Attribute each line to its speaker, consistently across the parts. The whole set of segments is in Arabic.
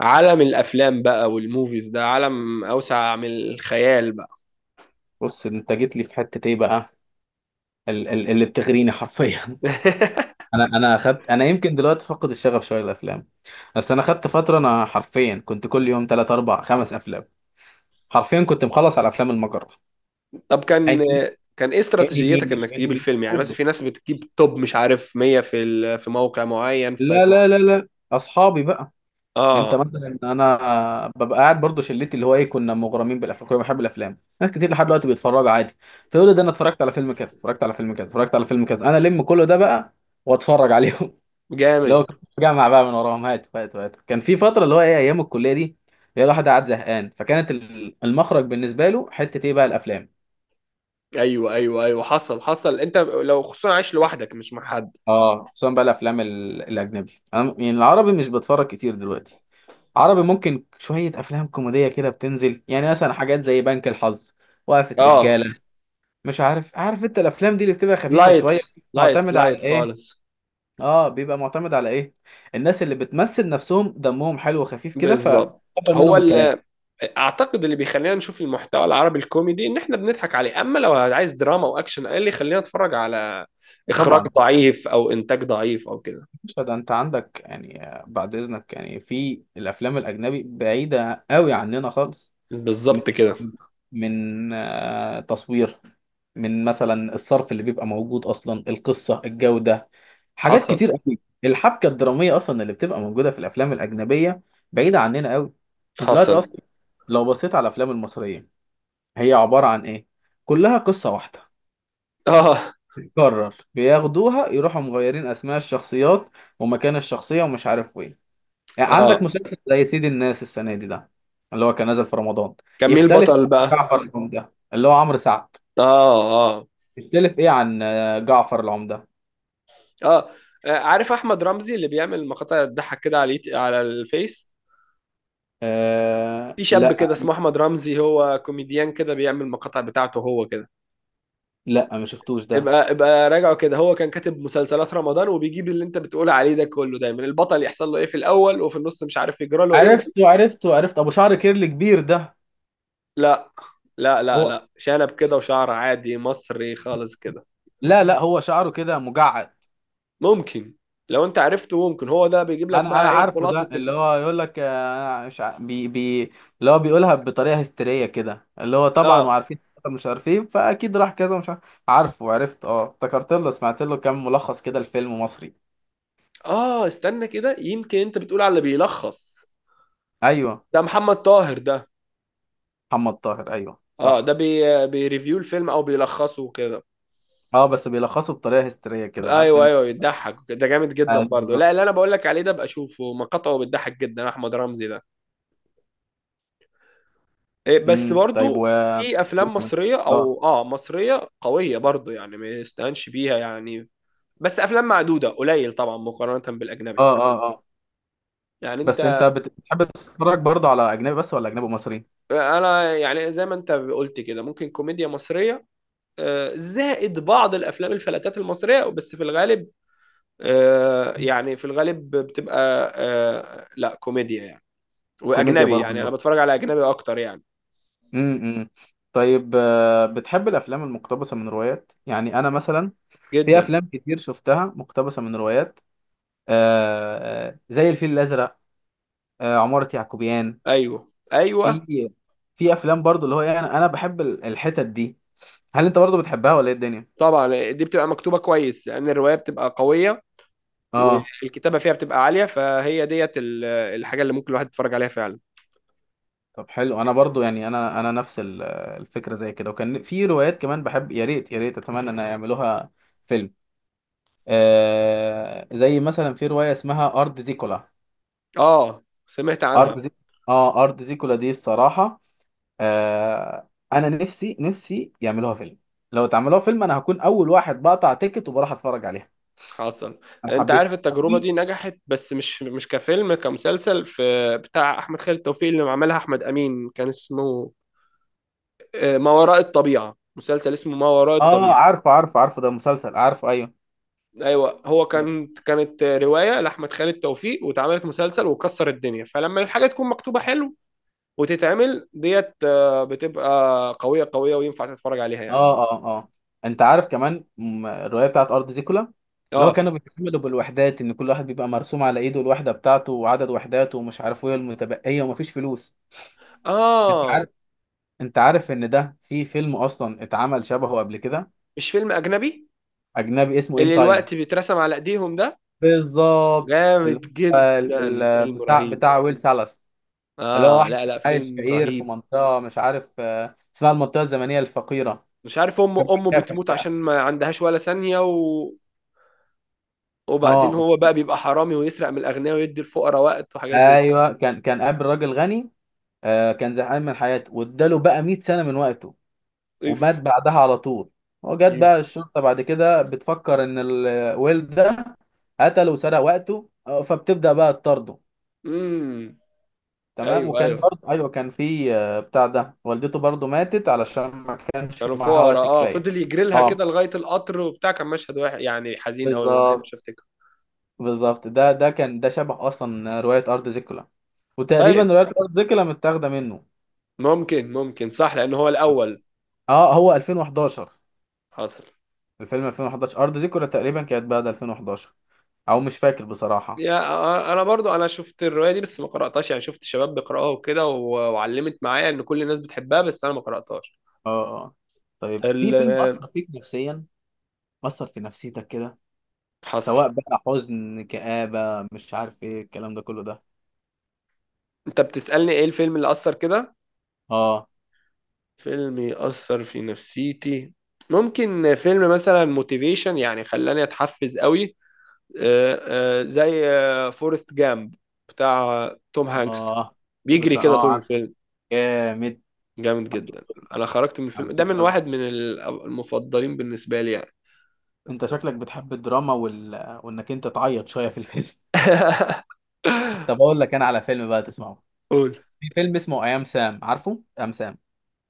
Speaker 1: عالم الافلام بقى والموفيز ده عالم اوسع من الخيال بقى.
Speaker 2: بص انت جيت لي في حته ايه بقى؟ اللي بتغريني حرفيا. انا يمكن دلوقتي فقد الشغف شويه للافلام. بس انا خدت فتره، انا حرفيا كنت كل يوم 3 4 5 افلام. حرفيا كنت مخلص على افلام المجره.
Speaker 1: طب كان
Speaker 2: انمي.
Speaker 1: كان ايه
Speaker 2: انمي
Speaker 1: استراتيجيتك
Speaker 2: مش
Speaker 1: انك تجيب
Speaker 2: انمي
Speaker 1: الفيلم؟ يعني مثلا
Speaker 2: كله.
Speaker 1: في ناس بتجيب توب، مش عارف، 100 في موقع معين، في
Speaker 2: لا،
Speaker 1: سايت
Speaker 2: لا،
Speaker 1: معين.
Speaker 2: لا، لا، اصحابي بقى. انت
Speaker 1: اه،
Speaker 2: مثلا انا ببقى قاعد برضه شلتي اللي هو ايه، كنا مغرمين بالافلام، كنا بنحب الافلام، ناس كتير لحد دلوقتي بيتفرجوا عادي. تقول لي ده انا اتفرجت على فيلم كذا، اتفرجت على فيلم كذا، اتفرجت على فيلم كذا، انا لم كله ده بقى واتفرج عليهم. اللي هو
Speaker 1: جامد.
Speaker 2: كنت بجمع بقى من وراهم، هات هات هات، كان في فتره اللي هو ايه ايام الكليه دي. هي الواحد قاعد زهقان، فكانت المخرج بالنسبه له حته ايه بقى الافلام.
Speaker 1: ايوه، ايوه، ايوه. حصل، حصل. انت لو خصوصا عايش لوحدك مش مع حد.
Speaker 2: اه، خصوصا بقى الافلام الاجنبي، انا يعني العربي مش بتفرج كتير دلوقتي. عربي ممكن شويه افلام كوميديه كده بتنزل، يعني مثلا حاجات زي بنك الحظ، وقفه
Speaker 1: اه،
Speaker 2: رجاله، مش عارف، عارف انت الافلام دي اللي بتبقى خفيفه
Speaker 1: لايت،
Speaker 2: شويه
Speaker 1: لايت،
Speaker 2: معتمده على
Speaker 1: لايت
Speaker 2: ايه؟
Speaker 1: خالص.
Speaker 2: اه، بيبقى معتمد على ايه؟ الناس اللي بتمثل نفسهم دمهم حلو وخفيف كده
Speaker 1: بالظبط.
Speaker 2: فتقبل
Speaker 1: هو
Speaker 2: منهم الكلام.
Speaker 1: ال اعتقد اللي بيخلينا نشوف المحتوى العربي الكوميدي ان احنا بنضحك عليه، اما لو عايز دراما واكشن ايه اللي يخلينا نتفرج على اخراج
Speaker 2: طبعا.
Speaker 1: ضعيف او انتاج ضعيف او كده.
Speaker 2: مش ده انت عندك يعني، بعد اذنك، يعني في الافلام الاجنبي بعيده قوي عننا خالص. من
Speaker 1: بالظبط كده.
Speaker 2: من تصوير، من مثلا الصرف اللي بيبقى موجود اصلا، القصه، الجوده، حاجات
Speaker 1: حصل،
Speaker 2: كتير قوي، الحبكه الدراميه اصلا اللي بتبقى موجوده في الافلام الاجنبيه بعيده عننا قوي. انت دلوقتي
Speaker 1: حصل.
Speaker 2: اصلا لو بصيت على الافلام المصريه، هي عباره عن ايه؟ كلها قصه واحده
Speaker 1: اه،
Speaker 2: بتتكرر، بياخدوها يروحوا مغيرين اسماء الشخصيات ومكان الشخصيه ومش عارف وين. يعني عندك
Speaker 1: اه.
Speaker 2: مسلسل زي سيد الناس السنة دي ده، اللي هو كان نازل في رمضان،
Speaker 1: كان مين
Speaker 2: يختلف
Speaker 1: البطل
Speaker 2: عن
Speaker 1: بقى؟
Speaker 2: جعفر العمدة اللي هو عمرو سعد.
Speaker 1: اه، اه،
Speaker 2: يختلف ايه عن جعفر العمدة.
Speaker 1: اه. عارف احمد رمزي اللي بيعمل مقاطع تضحك كده على على الفيس.
Speaker 2: آه،
Speaker 1: في شاب كده
Speaker 2: لا،
Speaker 1: اسمه احمد رمزي، هو كوميديان كده بيعمل مقاطع بتاعته هو كده.
Speaker 2: لا ما شفتوش ده.
Speaker 1: ابقى ابقى راجعه كده. هو كان كاتب مسلسلات رمضان، وبيجيب اللي انت بتقول عليه ده كله، دايما البطل يحصل له ايه في الاول، وفي النص مش عارف يجرى له ايه،
Speaker 2: عرفت ابو شعر كيرلي كبير ده.
Speaker 1: لا، لا، لا،
Speaker 2: هو،
Speaker 1: لا. شنب كده وشعر عادي مصري خالص كده.
Speaker 2: لا، لا، هو شعره كده مجعد.
Speaker 1: ممكن. لو انت عرفته ممكن هو ده بيجيب لك
Speaker 2: انا
Speaker 1: بقى ايه
Speaker 2: عارفه ده،
Speaker 1: خلاصة
Speaker 2: اللي هو يقول لك، انا مش بي بي، اللي هو بيقولها بطريقه هستيريه كده، اللي هو طبعا
Speaker 1: اه،
Speaker 2: وعارفين، مش عارفين، فاكيد راح كذا مش عارف. عارفه، عرفت، اه افتكرت له، سمعت له كام ملخص كده، الفيلم مصري.
Speaker 1: اه. استنى كده، يمكن انت بتقول على اللي بيلخص.
Speaker 2: ايوه.
Speaker 1: ده محمد طاهر ده.
Speaker 2: محمد طاهر، ايوه صح.
Speaker 1: اه، ده بيريفيو الفيلم او بيلخصه كده.
Speaker 2: اه، بس بيلخصوا بطريقه هستيريه كده، عارف
Speaker 1: ايوه،
Speaker 2: انت.
Speaker 1: ايوه، بيضحك ده جامد جدا
Speaker 2: ايوه
Speaker 1: برضه.
Speaker 2: بالظبط.
Speaker 1: لا، اللي انا بقول لك عليه ده بقى اشوفه، مقاطعه بتضحك جدا، احمد رمزي ده. إيه، بس
Speaker 2: طيب، و
Speaker 1: برضه في
Speaker 2: وإيه
Speaker 1: افلام
Speaker 2: كمان؟
Speaker 1: مصريه،
Speaker 2: اه.
Speaker 1: او مصريه قويه برضه، يعني ما يستهانش بيها يعني. بس افلام معدوده قليل طبعا مقارنه بالاجنبي.
Speaker 2: اه، اه، اه.
Speaker 1: يعني
Speaker 2: بس انت
Speaker 1: انت.
Speaker 2: بتحب تتفرج برضه على اجنبي بس ولا اجنبي ومصري؟
Speaker 1: انا يعني زي ما انت قلت كده، ممكن كوميديا مصريه زائد بعض الافلام الفلاتات المصريه، بس في الغالب
Speaker 2: مم.
Speaker 1: يعني في الغالب بتبقى، لا كوميديا يعني.
Speaker 2: كوميديا
Speaker 1: واجنبي
Speaker 2: برضه.
Speaker 1: يعني، انا بتفرج على اجنبي اكتر يعني.
Speaker 2: امم طيب، بتحب الافلام المقتبسه من روايات؟ يعني انا مثلا في
Speaker 1: جدا.
Speaker 2: افلام كتير شفتها مقتبسه من روايات، زي الفيل الازرق، عمارة يعقوبيان.
Speaker 1: ايوه، ايوه.
Speaker 2: في في افلام برضو، اللي هو يعني انا بحب الحتت دي. هل انت برضو بتحبها ولا ايه الدنيا؟
Speaker 1: طبعا دي بتبقى مكتوبه كويس، لان الروايه بتبقى قويه.
Speaker 2: اه.
Speaker 1: والكتابه فيها بتبقى عاليه، فهي ديت الحاجه اللي ممكن الواحد يتفرج عليها فعلا.
Speaker 2: طب حلو، انا برضو يعني، انا نفس الفكره زي كده. وكان في روايات كمان بحب، يا ريت يا ريت اتمنى ان يعملوها فيلم، زي مثلا في روايه اسمها ارض زيكولا.
Speaker 1: اه، سمعت عنها.
Speaker 2: ارض زي اه، ارض زيكولا دي الصراحه، انا نفسي نفسي يعملوها فيلم. لو اتعملوها فيلم انا هكون اول واحد بقطع تيكت وبروح اتفرج عليها.
Speaker 1: حصل.
Speaker 2: انا
Speaker 1: انت
Speaker 2: حبيت
Speaker 1: عارف التجربه
Speaker 2: وفي،
Speaker 1: دي نجحت، بس مش كفيلم، كمسلسل، في بتاع احمد خالد توفيق اللي عملها احمد امين، كان اسمه ما وراء الطبيعه، مسلسل اسمه ما وراء
Speaker 2: اه
Speaker 1: الطبيعه.
Speaker 2: عارفه، عارفه، عارفه، ده مسلسل، عارفه، ايوه.
Speaker 1: ايوه، هو
Speaker 2: اه،
Speaker 1: كانت روايه لاحمد خالد توفيق، واتعملت مسلسل وكسر الدنيا. فلما الحاجه تكون مكتوبه حلو وتتعمل ديت، بتبقى قويه قويه، وينفع تتفرج عليها يعني.
Speaker 2: اه، اه. انت عارف كمان، الروايه بتاعت ارض زيكولا، اللي هو
Speaker 1: اه،
Speaker 2: كانوا بيتعاملوا بالوحدات، ان كل واحد بيبقى مرسوم على ايده الوحده بتاعته وعدد وحداته ومش عارف ايه المتبقيه، ومفيش فلوس. انت
Speaker 1: اه.
Speaker 2: عارف، انت عارف ان ده في فيلم اصلا اتعمل شبهه قبل كده،
Speaker 1: مش فيلم اجنبي،
Speaker 2: اجنبي اسمه ان
Speaker 1: اللي
Speaker 2: تايم.
Speaker 1: الوقت بيترسم على ايديهم ده؟
Speaker 2: بالظبط،
Speaker 1: جامد
Speaker 2: اللي هو ال-
Speaker 1: جدا،
Speaker 2: ال-
Speaker 1: فيلم
Speaker 2: بتاع
Speaker 1: رهيب.
Speaker 2: بتاع ويل سالاس، اللي هو
Speaker 1: اه،
Speaker 2: واحد
Speaker 1: لا،
Speaker 2: كان
Speaker 1: لا،
Speaker 2: عايش
Speaker 1: فيلم
Speaker 2: فقير في
Speaker 1: رهيب.
Speaker 2: منطقة مش عارف، اسمها المنطقة الزمنية الفقيرة،
Speaker 1: مش عارف، امه
Speaker 2: كان
Speaker 1: امه
Speaker 2: بيكافح
Speaker 1: بتموت
Speaker 2: بقى.
Speaker 1: عشان ما عندهاش ولا ثانيه، وبعدين
Speaker 2: اه،
Speaker 1: هو بقى بيبقى حرامي ويسرق من الاغنياء ويدي الفقراء وقت، وحاجات زي كده.
Speaker 2: ايوه، كان قابل راجل غني، كان زهقان من حياته، واداله بقى 100 سنة من وقته
Speaker 1: اف.
Speaker 2: ومات بعدها على طول. وجت
Speaker 1: اف.
Speaker 2: بقى الشرطة بعد كده بتفكر ان الويل ده قتله وسرق وقته، فبتبدأ بقى تطارده.
Speaker 1: امم.
Speaker 2: تمام،
Speaker 1: ايوه،
Speaker 2: وكان
Speaker 1: ايوه.
Speaker 2: برضه، ايوه كان في، بتاع ده، والدته برضه ماتت علشان ما كانش
Speaker 1: كانوا
Speaker 2: معاها
Speaker 1: فقراء.
Speaker 2: وقت
Speaker 1: اه،
Speaker 2: كفايه.
Speaker 1: فضل يجري لها
Speaker 2: اه
Speaker 1: كده لغايه القطر وبتاع. كان مشهد واحد يعني حزين قوي ما
Speaker 2: بالظبط.
Speaker 1: بحبش افتكره.
Speaker 2: بالظبط، ده كان ده شبه اصلا روايه ارض زيكولا، وتقريبا
Speaker 1: طيب،
Speaker 2: روايه ارض زيكولا متاخده منه.
Speaker 1: ممكن صح، لان هو الاول.
Speaker 2: اه، هو 2011.
Speaker 1: حصل.
Speaker 2: الفيلم 2011، ارض زيكولا تقريبا كانت بعد 2011، او مش فاكر بصراحه.
Speaker 1: يا آه، آه، انا برضو انا شفت الروايه دي بس ما قراتهاش، يعني شفت شباب بيقراوها وكده وعلمت معايا ان كل الناس بتحبها، بس انا ما قراتهاش.
Speaker 2: اه، اه، آه. طيب في
Speaker 1: ال-
Speaker 2: فيلم اثر فيك نفسيا، اثر في نفسيتك كده،
Speaker 1: حصل.
Speaker 2: سواء بقى حزن، كآبة، مش عارف ايه الكلام ده كله ده؟
Speaker 1: انت بتسالني ايه الفيلم اللي اثر كده؟
Speaker 2: اه.
Speaker 1: فيلم يأثر في نفسيتي. ممكن فيلم مثلا موتيفيشن، يعني خلاني اتحفز قوي. آه، زي فورست جامب، بتاع توم هانكس،
Speaker 2: اه
Speaker 1: بيجري
Speaker 2: بتاع،
Speaker 1: كده
Speaker 2: اه
Speaker 1: طول
Speaker 2: عارف.
Speaker 1: الفيلم.
Speaker 2: جامد،
Speaker 1: جامد
Speaker 2: حبيت،
Speaker 1: جدا. انا خرجت من الفيلم ده
Speaker 2: حبيته
Speaker 1: من
Speaker 2: قوي.
Speaker 1: واحد من المفضلين بالنسبه لي يعني.
Speaker 2: انت شكلك بتحب الدراما، وانك انت تعيط شويه في الفيلم. طب اقول لك انا على فيلم بقى تسمعه.
Speaker 1: قول.
Speaker 2: في فيلم اسمه ايام سام، عارفه ايام سام؟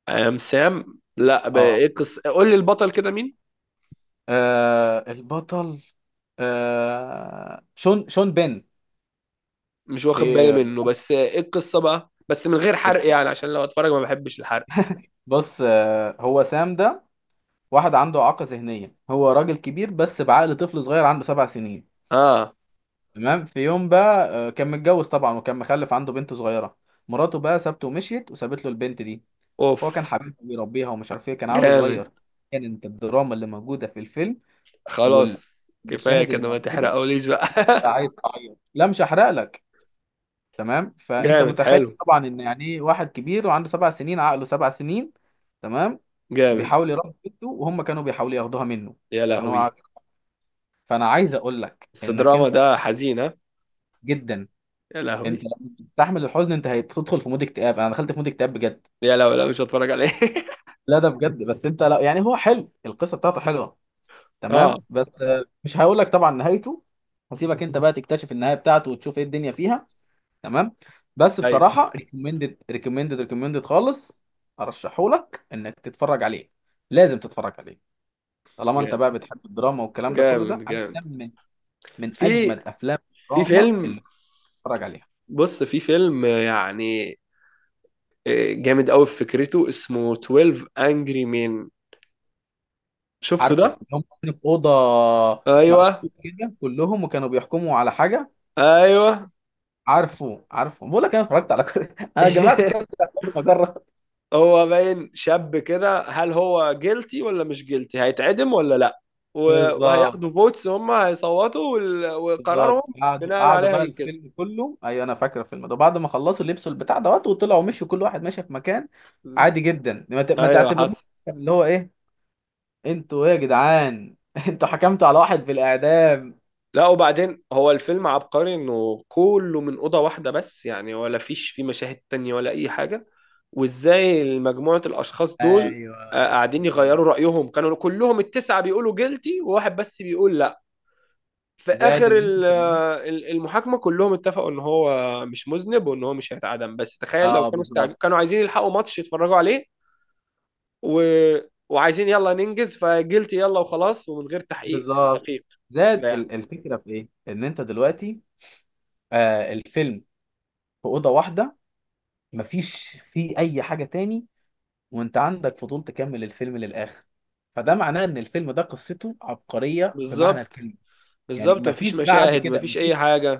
Speaker 1: ام سام؟ لا،
Speaker 2: اه.
Speaker 1: ايه القصه؟ قول لي البطل كده مين؟
Speaker 2: البطل شون بين.
Speaker 1: مش واخد بالي
Speaker 2: في
Speaker 1: منه، بس ايه القصه بقى، بس من غير حرق
Speaker 2: بص،
Speaker 1: يعني، عشان لو اتفرج ما بحبش الحرق.
Speaker 2: بص هو سام ده، واحد عنده اعاقه ذهنيه، هو راجل كبير بس بعقل طفل صغير، عنده 7 سنين.
Speaker 1: اه.
Speaker 2: تمام، في يوم بقى، كان متجوز طبعا وكان مخلف عنده بنت صغيره. مراته بقى سابته ومشيت وسابت له البنت دي، هو كان
Speaker 1: اوف.
Speaker 2: حبيبها بيربيها ومش عارف ايه، كان عيله
Speaker 1: جامد.
Speaker 2: صغير. كانت الدراما اللي موجوده في الفيلم
Speaker 1: خلاص، كفايه
Speaker 2: والمشاهد اللي
Speaker 1: كده، ما
Speaker 2: موجوده،
Speaker 1: تحرقوليش بقى.
Speaker 2: فعايز تعيط، لا مش هحرق لك. تمام، فانت
Speaker 1: جامد،
Speaker 2: متخيل
Speaker 1: حلو.
Speaker 2: طبعا ان يعني ايه واحد كبير وعنده 7 سنين، عقله 7 سنين. تمام.
Speaker 1: جامد.
Speaker 2: بيحاول يربي بنته وهم كانوا بيحاولوا ياخدوها منه
Speaker 1: يا
Speaker 2: عشان هو
Speaker 1: لهوي.
Speaker 2: فانا عايز اقول لك
Speaker 1: بس
Speaker 2: انك
Speaker 1: دراما
Speaker 2: انت،
Speaker 1: ده حزينة.
Speaker 2: جدا،
Speaker 1: يا
Speaker 2: انت
Speaker 1: لهوي.
Speaker 2: لما بتستحمل الحزن انت هتدخل في مود اكتئاب، انا دخلت في مود اكتئاب بجد.
Speaker 1: يا لهوي، لا، مش هتفرج عليه.
Speaker 2: لا ده بجد، بس انت لا، يعني هو حلو، القصه بتاعته حلوه.
Speaker 1: اه.
Speaker 2: تمام، بس مش هقول لك طبعا نهايته، هسيبك انت بقى تكتشف النهايه بتاعته، وتشوف ايه الدنيا فيها. تمام. بس
Speaker 1: ايوه،
Speaker 2: بصراحه، ريكومندد ريكومندد ريكومندد خالص، ارشحهولك انك تتفرج عليه، لازم تتفرج عليه. طالما انت
Speaker 1: جامد،
Speaker 2: بقى بتحب الدراما والكلام ده كله ده،
Speaker 1: جامد، جامد.
Speaker 2: افلام من اجمد
Speaker 1: في
Speaker 2: افلام
Speaker 1: في
Speaker 2: الدراما
Speaker 1: فيلم.
Speaker 2: اللي بتتفرج عليها.
Speaker 1: بص، في فيلم يعني جامد قوي في فكرته، اسمه 12 Angry Men. شفته ده؟
Speaker 2: عارفه اللي هم كانوا في اوضه
Speaker 1: ايوه،
Speaker 2: مقفول كده كلهم، وكانوا بيحكموا على حاجه؟
Speaker 1: ايوه.
Speaker 2: عارفه، عارفه، بقول لك، انا اتفرجت على كل انا جمعت كل بتاع كل مجره.
Speaker 1: هو باين شاب كده، هل هو جيلتي ولا مش جيلتي؟ هيتعدم ولا لا؟ و-
Speaker 2: بالظبط.
Speaker 1: وهياخدوا فوتس، هم هيصوتوا
Speaker 2: بالظبط،
Speaker 1: وقرارهم
Speaker 2: قعدوا
Speaker 1: بناء
Speaker 2: قعدوا بقى
Speaker 1: عليها كده.
Speaker 2: الفيلم كله، ايوه انا فاكر الفيلم ده، بعد ما خلصوا لبسوا البتاع دوت وطلعوا مشوا كل واحد ماشي في مكان عادي جدا، ما
Speaker 1: ايوه،
Speaker 2: تعتبروش
Speaker 1: حصل.
Speaker 2: اللي هو ايه، انتوا ايه يا جدعان؟ انتوا حكمتوا على واحد بالاعدام.
Speaker 1: لا، وبعدين هو الفيلم عبقري انه كله من اوضه واحده بس يعني، ولا فيش فيه مشاهد تانية ولا اي حاجه. وازاي مجموعه الاشخاص دول
Speaker 2: ايوه
Speaker 1: قاعدين يغيروا رايهم؟ كانوا كلهم التسعه بيقولوا جيلتي، وواحد بس بيقول لا. في
Speaker 2: زائد
Speaker 1: اخر
Speaker 2: ان انتوا كمان،
Speaker 1: المحاكمه، كلهم اتفقوا ان هو مش مذنب وان هو مش هيتعدم. بس تخيل لو
Speaker 2: اه
Speaker 1: كانوا
Speaker 2: بالظبط.
Speaker 1: كانوا عايزين يلحقوا ماتش يتفرجوا عليه و... وعايزين يلا ننجز فجيلتي، يلا وخلاص، ومن غير تحقيق
Speaker 2: بالظبط،
Speaker 1: دقيق كده
Speaker 2: زاد
Speaker 1: يعني.
Speaker 2: الفكره في ايه ان انت دلوقتي، الفيلم في اوضه واحده، مفيش فيه اي حاجه تاني وانت عندك فضول تكمل الفيلم للاخر، فده معناه ان الفيلم ده قصته عبقريه بمعنى
Speaker 1: بالظبط،
Speaker 2: الكلمه، يعني
Speaker 1: بالظبط. مفيش
Speaker 2: مفيش بعد
Speaker 1: مشاهد،
Speaker 2: كده
Speaker 1: مفيش اي
Speaker 2: مفيش.
Speaker 1: حاجة.